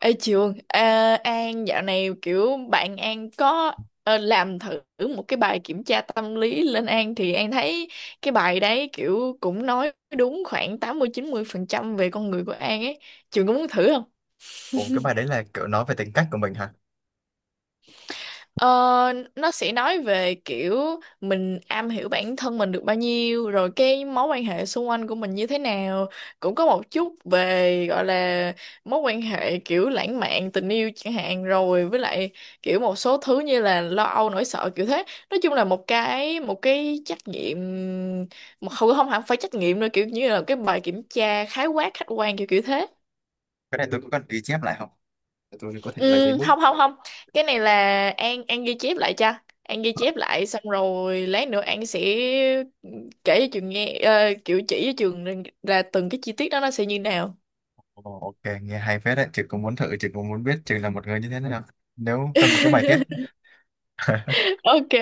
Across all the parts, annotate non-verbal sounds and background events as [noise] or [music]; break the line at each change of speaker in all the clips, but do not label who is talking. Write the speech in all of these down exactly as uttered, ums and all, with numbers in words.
Ê Trường, à, An dạo này kiểu bạn An có ờ, làm thử một cái bài kiểm tra tâm lý lên An thì An thấy cái bài đấy kiểu cũng nói đúng khoảng tám mươi mươi chín phần trăm về con người của An ấy. Trường có muốn thử không?
Ồ, cái bài đấy là kiểu nói về tính cách của mình hả?
Ờ, nó sẽ nói về kiểu mình am hiểu bản thân mình được bao nhiêu, rồi cái mối quan hệ xung quanh của mình như thế nào, cũng có một chút về gọi là mối quan hệ kiểu lãng mạn, tình yêu chẳng hạn, rồi với lại kiểu một số thứ như là lo âu, nỗi sợ, kiểu thế. Nói chung là một cái một cái trắc nghiệm, mà không không hẳn phải trắc nghiệm đâu, kiểu như là cái bài kiểm tra khái quát khách quan kiểu kiểu thế.
Cái này tôi có cần ghi chép lại không? Để tôi có thể lấy giấy
Ừ,
bút.
không không không cái này là An An ghi chép lại cho. An ghi chép lại xong rồi lát nữa An sẽ kể cho trường nghe, ờ, kiểu chỉ cho trường rằng là từng cái chi tiết đó nó sẽ như nào.
Ồ, ok, nghe hay phết đấy. Chị cũng muốn thử, chị cũng muốn biết chị là một người như thế nào. Nếu cần một cái bài tiết. [laughs]
[laughs] Ok, cái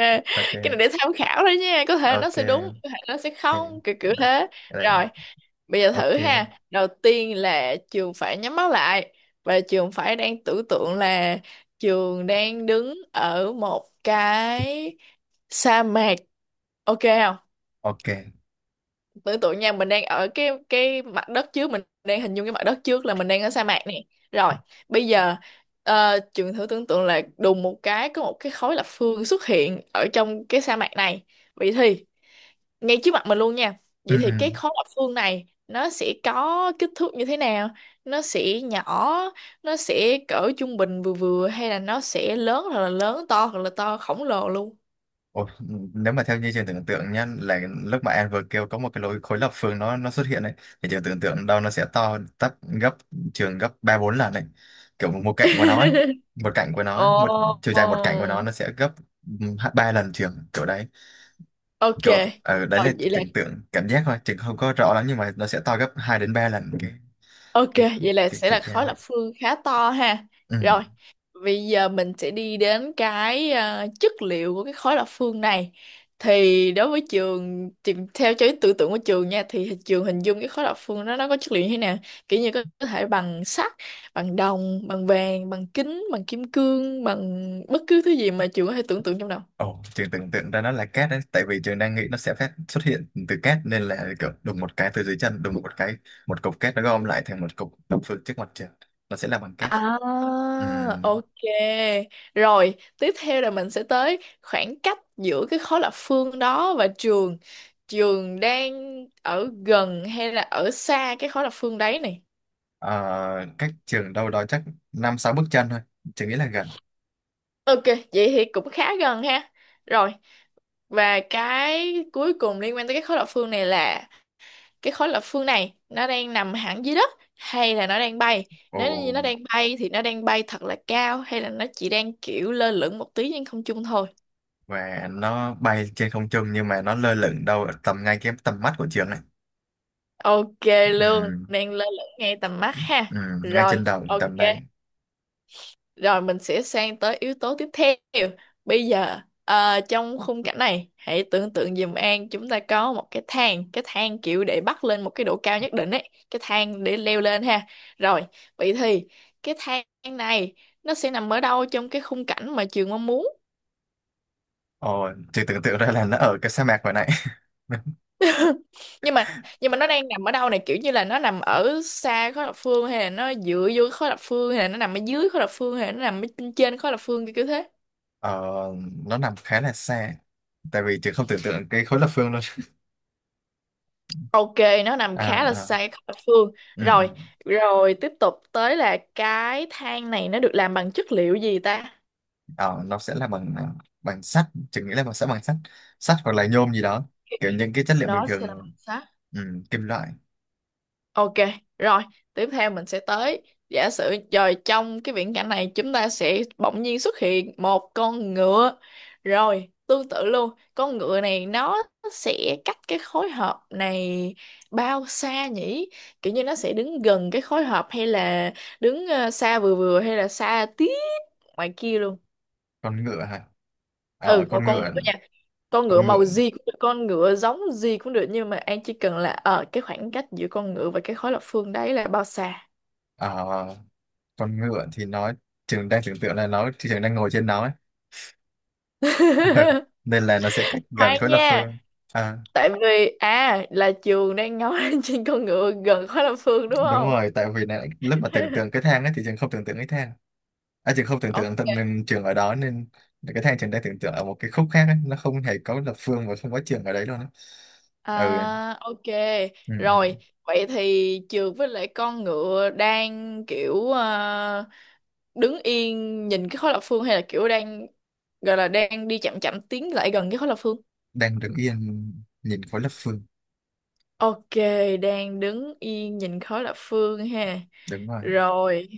này
Ok,
để tham khảo thôi nha, có thể nó sẽ đúng,
ok,
có thể nó sẽ
ok.
không, kiểu kiểu thế.
Đây.
Rồi, bây giờ thử
Ok,
ha. Đầu tiên là trường phải nhắm mắt lại, và trường phải đang tưởng tượng là trường đang đứng ở một cái sa mạc, ok không?
ok.
Tưởng tượng nha, mình đang ở cái cái mặt đất trước, mình đang hình dung cái mặt đất trước là mình đang ở sa mạc nè. Rồi, bây giờ ờ, trường thử tưởng tượng là đùng một cái có một cái khối lập phương xuất hiện ở trong cái sa mạc này. Vậy thì ngay trước mặt mình luôn nha.
Ừ,
Vậy thì
ừ.
cái khối lập phương này nó sẽ có kích thước như thế nào? Nó sẽ nhỏ, nó sẽ cỡ trung bình vừa vừa, hay là nó sẽ lớn, hoặc là lớn to, hoặc là to khổng lồ luôn?
Ồ, nếu mà theo như trường tưởng tượng nhá là lúc mà em vừa kêu có một cái lối khối lập phương nó nó xuất hiện đấy thì trường tưởng tượng đâu nó sẽ to tấp gấp trường gấp ba bốn lần này, kiểu một cạnh của nó ấy.
[laughs]
Một cạnh của nó ấy, một chiều dài một cạnh của
Ồ,
nó nó sẽ gấp, ừm, ba lần trường kiểu đấy.
ok.
Kiểu ở đấy
Rồi
là
vậy là...
tưởng tượng cảm giác thôi, trường không có rõ lắm nhưng mà nó sẽ to gấp hai đến ba lần cái
Ok,
cái
vậy là
cái
sẽ
chiều
là
cao.
khối lập phương khá to ha.
Ừ.
Rồi, bây giờ mình sẽ đi đến cái ờ, chất liệu của cái khối lập phương này. Thì đối với trường, tìm theo cho tưởng tượng của trường nha, thì trường hình dung cái khối lập phương đó nó có chất liệu như thế nào? Kiểu như có có thể bằng sắt, bằng đồng, bằng vàng, bằng kính, bằng kim cương, bằng bất cứ thứ gì mà trường có thể tưởng tượng trong đầu.
Ồ, trường tưởng tượng ra nó là cát đấy, tại vì trường đang nghĩ nó sẽ phát xuất hiện từ cát nên là kiểu đùng một cái từ dưới chân, đùng một cái một cục cát nó gom lại thành một cục đồng phương trước mặt trường, nó sẽ là bằng cát.
À,
Ừm,
ok. Rồi, tiếp theo là mình sẽ tới khoảng cách giữa cái khối lập phương đó và trường. Trường đang ở gần hay là ở xa cái khối lập phương đấy này?
ờ, cách trường đâu đó chắc năm sáu bước chân thôi, trường nghĩ là gần.
Ok, vậy thì cũng khá gần ha. Rồi, và cái cuối cùng liên quan tới cái khối lập phương này là cái khối lập phương này nó đang nằm hẳn dưới đất hay là nó đang bay?
Ồ,
Nếu như nó đang bay thì nó đang bay thật là cao, hay là nó chỉ đang kiểu lơ lửng một tí trên không trung thôi?
và nó bay trên không trung nhưng mà nó lơ lửng đâu ở tầm ngay cái tầm mắt của trường này.
Ok luôn,
Ừm,
đang lơ lửng ngay tầm mắt ha.
ừm, ngay
Rồi,
trên đầu
ok.
tầm đây.
Rồi mình sẽ sang tới yếu tố tiếp theo. Bây giờ ờ, trong khung cảnh này, hãy tưởng tượng giùm An chúng ta có một cái thang, cái thang kiểu để bắt lên một cái độ cao nhất định ấy, cái thang để leo lên ha. Rồi, vậy thì cái thang này nó sẽ nằm ở đâu trong cái khung cảnh mà trường mong muốn?
Ồ, trường tưởng tượng ra là nó ở cái sa mạc hồi nãy. [laughs]
nhưng mà nhưng mà nó đang nằm ở đâu này? Kiểu như là nó nằm ở xa khối lập phương, hay là nó dựa vô khối lập phương, hay là nó nằm ở dưới khối lập phương, hay là nó nằm ở trên trên khối lập phương, kiểu kiểu thế.
Ờ, nó nằm khá là xa tại vì chị không tưởng tượng cái khối lập phương luôn.
Ok, nó nằm
À,
khá là xa
à,
cái khối lập phương.
ừ,
rồi
ừ.
rồi tiếp tục tới là cái thang này nó được làm bằng chất liệu gì ta?
Ờ, nó sẽ là bằng à, bằng sắt. Chị nghĩ là bằng sẽ bằng sắt sắt hoặc là nhôm gì đó, kiểu những cái chất liệu bình
Nó sẽ là bằng
thường.
sắt.
Ừ, kim loại.
Ok, rồi, tiếp theo mình sẽ tới... Giả sử rồi trong cái viễn cảnh này chúng ta sẽ bỗng nhiên xuất hiện một con ngựa. Rồi, tương tự luôn, con ngựa này nó sẽ cách cái khối hợp này bao xa nhỉ? Kiểu như nó sẽ đứng gần cái khối hợp hay là đứng ờ, xa vừa vừa, hay là xa tí ngoài kia luôn?
Con ngựa hả? Ờ,
Ừ, một
con
con ngựa
ngựa
nha. Con ngựa
con
màu
ngựa
gì cũng được, con ngựa giống gì cũng được, nhưng mà An chỉ cần là ở cái khoảng cách giữa con ngựa và cái khối lập phương đấy là bao xa.
Ờ, con ngựa thì nó, trường đang tưởng tượng là nó trường đang ngồi trên nó ấy. [laughs]
[laughs]
nên là nó sẽ cách gần
Khoan
khối lập
nha,
phương. À,
tại vì à là trường đang nói [laughs] trên con ngựa gần khói Lâm Phương đúng
đúng
không?
rồi tại vì này, lúc mà tưởng
[laughs]
tượng cái thang ấy thì trường không tưởng tượng cái thang. À, trường không tưởng
Ok,
tượng tận nên trường ở đó nên cái thang trường đang tưởng tượng ở một cái khúc khác ấy. Nó không hề có lập phương và không có trường ở đấy luôn á. Ừ.
à, ok.
Ừ, ừ.
Rồi, vậy thì trường với lại con ngựa đang kiểu à, đứng yên nhìn cái khói lập phương, hay là kiểu đang gọi là đang đi chậm chậm tiến lại gần cái khói lập phương?
Đang đứng yên nhìn khối lập phương.
Ok, đang đứng yên nhìn khói lập phương ha.
Đúng rồi.
Rồi.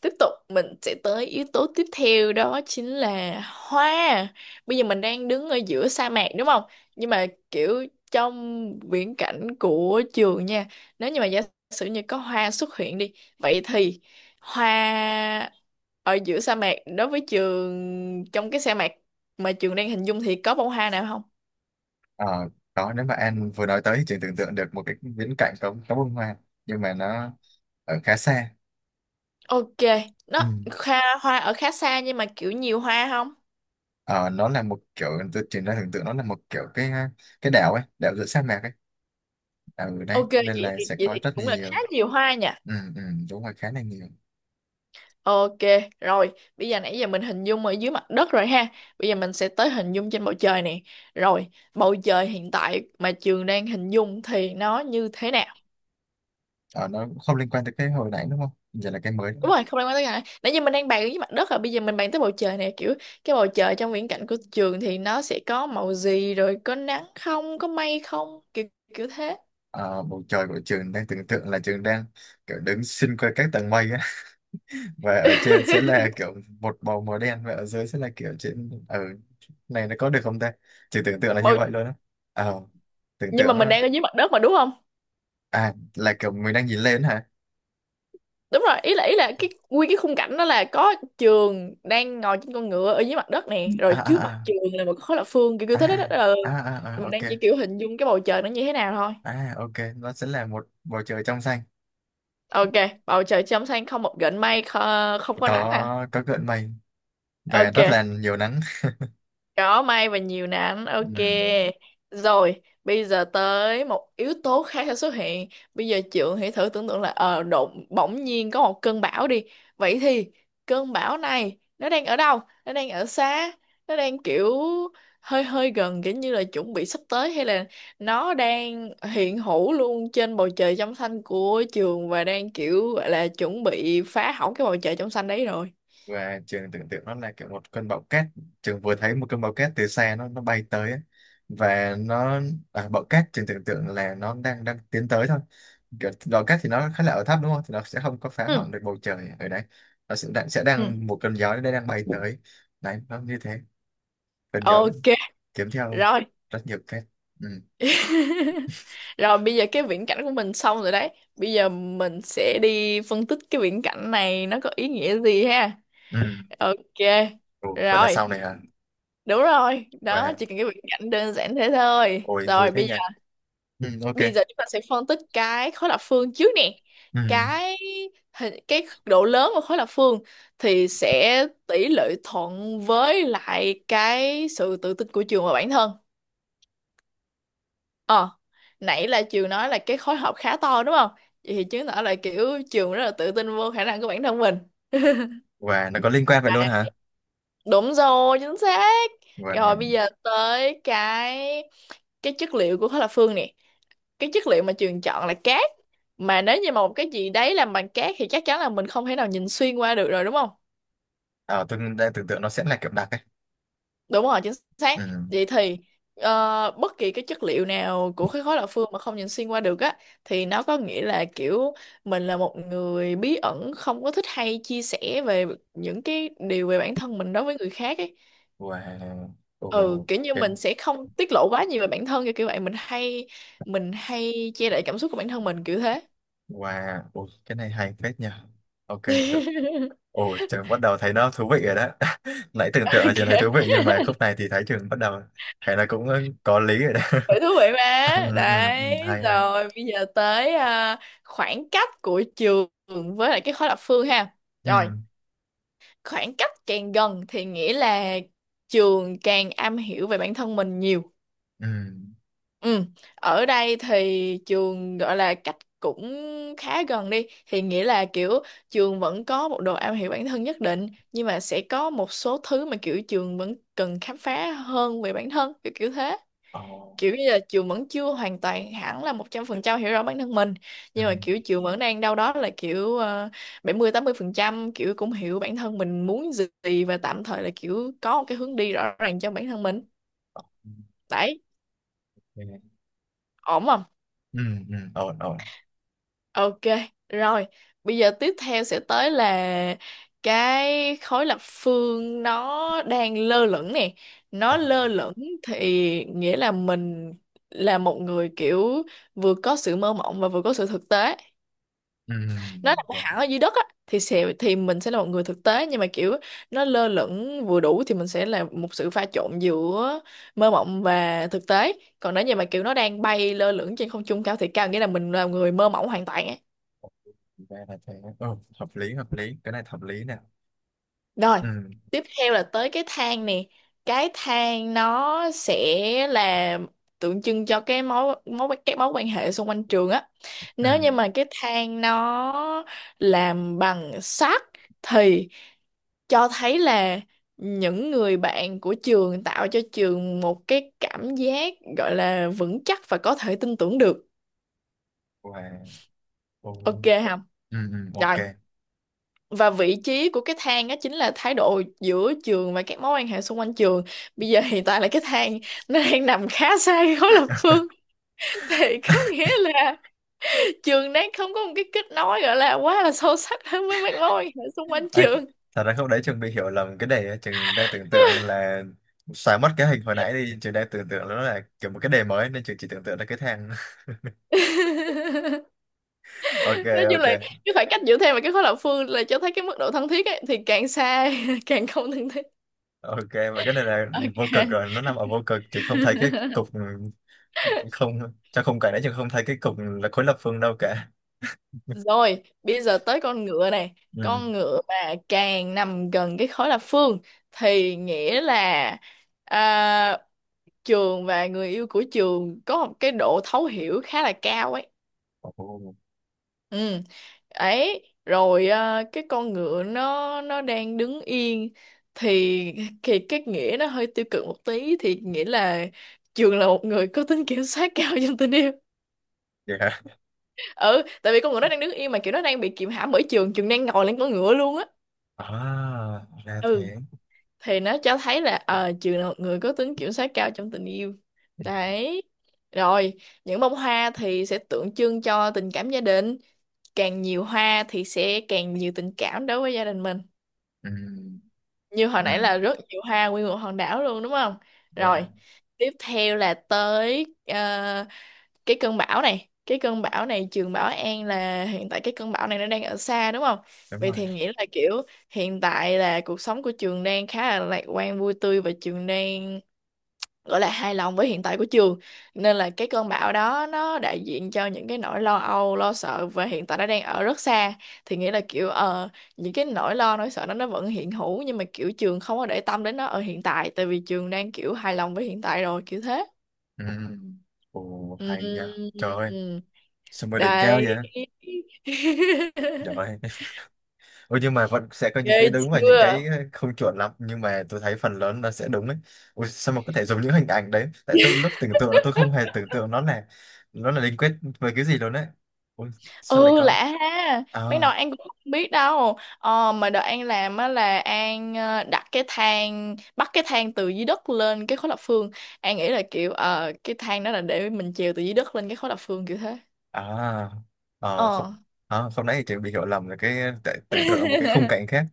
Tiếp tục mình sẽ tới yếu tố tiếp theo, đó chính là hoa. Bây giờ mình đang đứng ở giữa sa mạc đúng không? Nhưng mà kiểu trong viễn cảnh của trường nha, nếu như mà giả sử như có hoa xuất hiện đi, vậy thì hoa ở giữa sa mạc, đối với trường, trong cái sa mạc mà trường đang hình dung thì có bông hoa nào không?
Ờ, đó nếu mà An vừa nói tới thì trường tưởng tượng được một cái viễn cảnh có có bông hoa, nhưng mà nó ở khá xa.
Ok,
Ừ.
nó... hoa hoa ở khá xa nhưng mà kiểu nhiều hoa không?
Ờ, nó là một kiểu tôi trường đang tưởng tượng nó là một kiểu cái cái đảo ấy, đảo giữa sa mạc ấy ở đấy
Ok, vậy
nên
thì,
là sẽ
vậy
có
thì
rất là
cũng là khá
nhiều.
nhiều hoa nhỉ.
Ừ, ừ, đúng rồi khá là nhiều.
Ok, rồi, bây giờ nãy giờ mình hình dung ở dưới mặt đất rồi ha. Bây giờ mình sẽ tới hình dung trên bầu trời nè. Rồi, bầu trời hiện tại mà Trường đang hình dung thì nó như thế nào?
Ờ, nó không liên quan tới cái hồi nãy đúng không? Giờ là cái mới đúng
Đúng
không?
rồi, không liên quan tới cái... Nãy giờ mình đang bàn ở dưới mặt đất rồi, bây giờ mình bàn tới bầu trời nè. Kiểu cái bầu trời trong viễn cảnh của Trường thì nó sẽ có màu gì rồi, có nắng không, có mây không, kiểu kiểu thế.
Ờ, bầu trời của trường đang tưởng tượng là trường đang kiểu đứng xuyên qua các tầng mây á [laughs] và ở trên sẽ là kiểu một bầu màu đen và ở dưới sẽ là kiểu trên ở này nó có được không ta? Trường tưởng tượng là như
Bầu...
vậy luôn á. Ờ, tưởng
Nhưng mà
tượng
mình
nó,
đang ở dưới mặt đất mà đúng không?
à là kiểu mình đang nhìn lên hả?
Đúng rồi, ý là ý là cái nguyên cái khung cảnh đó là có trường đang ngồi trên con ngựa ở dưới mặt đất nè,
À,
rồi trước mặt
à,
trường là một cái khối lập phương kiểu kiểu
à,
thế đó. Đó là
à, à, à, à, à,
mình
ok.
đang chỉ kiểu hình dung cái bầu trời nó như thế nào thôi.
À, ok, nó sẽ là một bầu trời trong xanh.
Ok, bầu trời trong xanh không một gợn mây, kho- không có nắng à?
Có có gợn mây và
Ok.
rất là nhiều nắng.
Có may và nhiều nắng,
[laughs]
ok.
Ừ.
Rồi, bây giờ tới một yếu tố khác sẽ xuất hiện. Bây giờ Trượng hãy thử tưởng tượng là ờ đột bỗng nhiên có một cơn bão đi. Vậy thì cơn bão này nó đang ở đâu? Nó đang ở xa, nó đang kiểu hơi hơi gần kiểu như là chuẩn bị sắp tới, hay là nó đang hiện hữu luôn trên bầu trời trong xanh của trường và đang kiểu gọi là chuẩn bị phá hỏng cái bầu trời trong xanh đấy rồi?
Và trường tưởng tượng nó là kiểu một cơn bão cát. Trường vừa thấy một cơn bão cát từ xa nó nó bay tới ấy. Và nó, à, bão cát trường tưởng tượng là nó đang đang tiến tới thôi. Kiểu bão cát thì nó khá là ở thấp đúng không, thì nó sẽ không có phá
Ừ,
hỏng được bầu trời ở đấy. Nó sẽ đang sẽ
ừ.
đang một cơn gió nó đang bay tới đấy, nó như thế. Cơn gió
Ok,
kiếm theo
rồi.
rất nhiều cát. Ừ.
[laughs] Rồi bây giờ cái viễn cảnh của mình xong rồi đấy. Bây giờ mình sẽ đi phân tích cái viễn cảnh này nó có ý nghĩa gì ha.
Ừ.
Ok.
Ừ. Vậy là
Rồi.
sau này hả?
Đúng rồi. Đó,
Và
chỉ cần cái viễn cảnh đơn giản thế thôi.
ôi vui
Rồi
thế
bây
nhỉ.
giờ
Ừ, ok.
bây giờ chúng ta sẽ phân tích cái khối lập phương trước nè.
Ừ.
Cái hình- cái độ lớn của khối lập phương thì sẽ tỷ lệ thuận với lại cái sự tự tin của trường và bản thân. Ờ, nãy là Trường nói là cái khối học khá to đúng không? Vậy thì chứng tỏ là kiểu Trường rất là tự tin vô khả năng của bản thân mình. [laughs]
Và nó có liên quan vậy luôn
À,
hả?
đúng rồi, chính xác.
Và
Rồi bây giờ tới cái cái chất liệu của khối lập phương nè. Cái chất liệu mà Trường chọn là cát. Mà nếu như mà một cái gì đấy làm bằng cát thì chắc chắn là mình không thể nào nhìn xuyên qua được rồi đúng không?
à, tôi đang tưởng tượng nó sẽ là kiểu đặc ấy.
Đúng rồi, chính xác.
Ừ.
Vậy thì ờ, bất kỳ cái chất liệu nào của cái khối lập phương mà không nhìn xuyên qua được á thì nó có nghĩa là kiểu mình là một người bí ẩn, không có thích hay chia sẻ về những cái điều về bản thân mình đối với người khác ấy.
Và
Ừ,
ồ
kiểu như
cái
mình sẽ không tiết lộ quá nhiều về bản thân kiểu kiểu vậy. Mình hay mình hay che đậy cảm xúc của bản thân mình kiểu thế.
và ồ, cái này hay phết nha. Ok, cực.
[laughs]
Ồ, trường bắt đầu thấy nó thú vị rồi đó. [laughs] Nãy tưởng tượng là
Ok.
trường thấy thú vị nhưng mà khúc này thì thấy trường bắt đầu thấy là cũng có lý rồi đó.
Vậy thú vị
[laughs] Ừ,
mà.
ừ, ừ, ừ,
Đấy,
hay hay.
rồi bây giờ tới à, khoảng cách của trường với lại cái khối lập phương ha.
Ừ,
Rồi, khoảng cách càng gần thì nghĩa là trường càng am hiểu về bản thân mình nhiều.
ừ.
Ừ, ở đây thì trường gọi là cách cũng khá gần đi thì nghĩa là kiểu trường vẫn có một độ am hiểu bản thân nhất định, nhưng mà sẽ có một số thứ mà kiểu trường vẫn cần khám phá hơn về bản thân kiểu kiểu thế,
Ồ,
kiểu như là Trường vẫn chưa hoàn toàn hẳn là một trăm phần trăm hiểu rõ bản thân mình,
ừ.
nhưng mà kiểu Trường vẫn đang đâu đó là kiểu ờ, bảy mươi tám mươi phần trăm kiểu cũng hiểu bản thân mình muốn gì, và tạm thời là kiểu có một cái hướng đi rõ ràng cho bản thân mình,
Ồ,
đấy,
ok.
ổn không?
Ừ, ừ, ổn ổn.
Ok, rồi. Bây giờ tiếp theo sẽ tới là cái khối lập phương nó đang lơ lửng nè. Nó
À,
lơ lửng thì nghĩa là mình là một người kiểu vừa có sự mơ mộng và vừa có sự thực tế.
ừ.
Nó nằm
Wow.
hẳn ở dưới đất á thì sẽ thì mình sẽ là một người thực tế, nhưng mà kiểu nó lơ lửng vừa đủ thì mình sẽ là một sự pha trộn giữa mơ mộng và thực tế. Còn nếu như mà kiểu nó đang bay lơ lửng trên không trung cao thì cao nghĩa là mình là người mơ mộng hoàn toàn á.
Thì ra là thế. Ồ, hợp lý hợp lý, cái này hợp lý nè.
Rồi,
Ừ,
tiếp theo là tới cái thang nè. Cái thang nó sẽ là tượng trưng cho cái mối mối các mối quan hệ xung quanh trường á.
ừ.
Nếu như mà cái thang nó làm bằng sắt thì cho thấy là những người bạn của trường tạo cho trường một cái cảm giác gọi là vững chắc và có thể tin tưởng được.
Wow. Ồ.
Ok không?
Ừ, ừ, ok.
Rồi. Và vị trí của cái thang đó chính là thái độ giữa trường và các mối quan hệ xung quanh trường. Bây giờ hiện tại là cái thang nó đang nằm khá xa cái khối lập phương
[laughs]
[laughs] thì có nghĩa là trường đang không có một cái kết nối gọi là quá là sâu sắc [laughs] với mấy mối quan hệ xung quanh
Ai,
trường.
thật ra không đấy trường bị hiểu lầm cái đề. Trường đang tưởng tượng là xóa mất cái hình hồi nãy đi, trường đang tưởng tượng nó là kiểu một cái đề mới nên trường chỉ tưởng tượng là cái thang.
[laughs]
[laughs] Ok.
Nói chung là
Ok.
cái khoảng cách giữa thang và cái khối lập phương là cho thấy cái mức độ thân thiết ấy, thì càng xa [laughs] càng không thân thiết.
Ok. Và cái này là vô cực
Ok.
rồi, nó nằm ở vô cực, trường không thấy cái
[laughs]
cục không. Trong khung cảnh đấy trường không thấy cái cục là khối lập phương đâu cả.
Rồi, bây giờ tới con ngựa này.
Ừ.
Con ngựa mà càng nằm gần cái khối lập phương thì nghĩa là, à, trường và người yêu của trường có một cái độ thấu hiểu khá là cao ấy.
Ồ,
Ừ. Ấy, rồi à, cái con ngựa nó nó đang đứng yên thì thì cái nghĩa nó hơi tiêu cực một tí, thì nghĩa là trường là một người có tính kiểm soát cao [laughs] trong tình yêu.
vậy hả?
Ừ, tại vì con ngựa nó đang đứng yên mà kiểu nó đang bị kiềm hãm bởi trường, trường đang ngồi lên con ngựa luôn á.
À, ra
Ừ,
thế.
thì nó cho thấy là ờ trường là một người có tính kiểm soát cao trong tình yêu, đấy, rồi những bông hoa thì sẽ tượng trưng cho tình cảm gia đình, càng nhiều hoa thì sẽ càng nhiều tình cảm đối với gia đình mình,
Ừ,
như hồi
ừ,
nãy là rất nhiều hoa nguyên một hòn đảo luôn đúng không,
rồi,
rồi tiếp theo là tới ờ, cái cơn bão này. Cái cơn bão này trường Bảo An là hiện tại cái cơn bão này nó đang ở xa đúng không?
đúng
Vậy
rồi.
thì nghĩa là kiểu hiện tại là cuộc sống của trường đang khá là lạc quan vui tươi, và trường đang gọi là hài lòng với hiện tại của trường, nên là cái cơn bão đó nó đại diện cho những cái nỗi lo âu lo sợ, và hiện tại nó đang ở rất xa. Thì nghĩa là kiểu ờ, những cái nỗi lo nỗi sợ đó nó vẫn hiện hữu, nhưng mà kiểu trường không có để tâm đến nó ở hiện tại, tại vì trường đang kiểu hài lòng với hiện tại rồi kiểu thế.
Ừ. Ồ, hay nha. Trời ơi,
Ừm,
sao mà đỉnh cao
đấy.
vậy? Dạ vậy.
[laughs]
Ôi, nhưng mà vẫn sẽ có những
Ghê
cái đúng và những
chưa.
cái không chuẩn lắm nhưng mà tôi thấy phần lớn nó sẽ đúng đấy. Ôi, sao mà có thể dùng những hình ảnh đấy? Tại tôi lúc tưởng tượng là tôi không hề tưởng tượng nó là nó là liên kết về cái gì luôn đấy. Ôi, sao lại
Ừ,
có?
lạ ha,
À,
mấy nồi An cũng không biết đâu. ờ, mà đợt An làm á là An ờ, đặt cái thang bắt cái thang từ dưới đất lên cái khối lập phương, An nghĩ là kiểu ờ, cái thang đó là để mình trèo từ dưới đất lên cái khối lập phương kiểu thế.
à, à
ờ
không, à, không nãy thì chị bị hiểu lầm là cái tại tưởng tượng ở một cái khung
[laughs]
cảnh khác.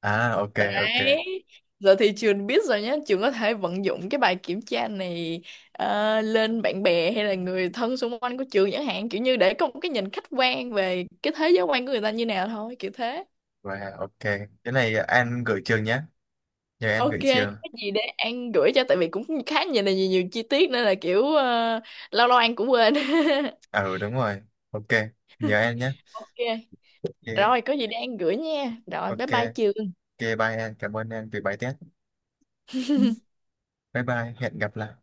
À, ok, ok,
Đấy. Giờ thì trường biết rồi nhé, trường có thể vận dụng cái bài kiểm tra này ờ, lên bạn bè hay là người thân xung quanh của trường chẳng hạn, kiểu như để có một cái nhìn khách quan về cái thế giới quan của người ta như nào thôi, kiểu thế.
và ok. Cái này An gửi trường nhé, nhờ An
Ok,
gửi trường.
cái gì để An gửi cho, tại vì cũng khá nhiều là nhiều, nhiều chi tiết nên là kiểu ờ, lâu lâu An cũng quên. [laughs]
À, ừ, đúng rồi. Ok, nhờ An nhé.
Ok,
Ok,
rồi có gì để An gửi nha. Rồi bye
ok.
bye trường.
Ok, bye em. Cảm ơn em vì bài test. Bye bye. Hẹn gặp lại.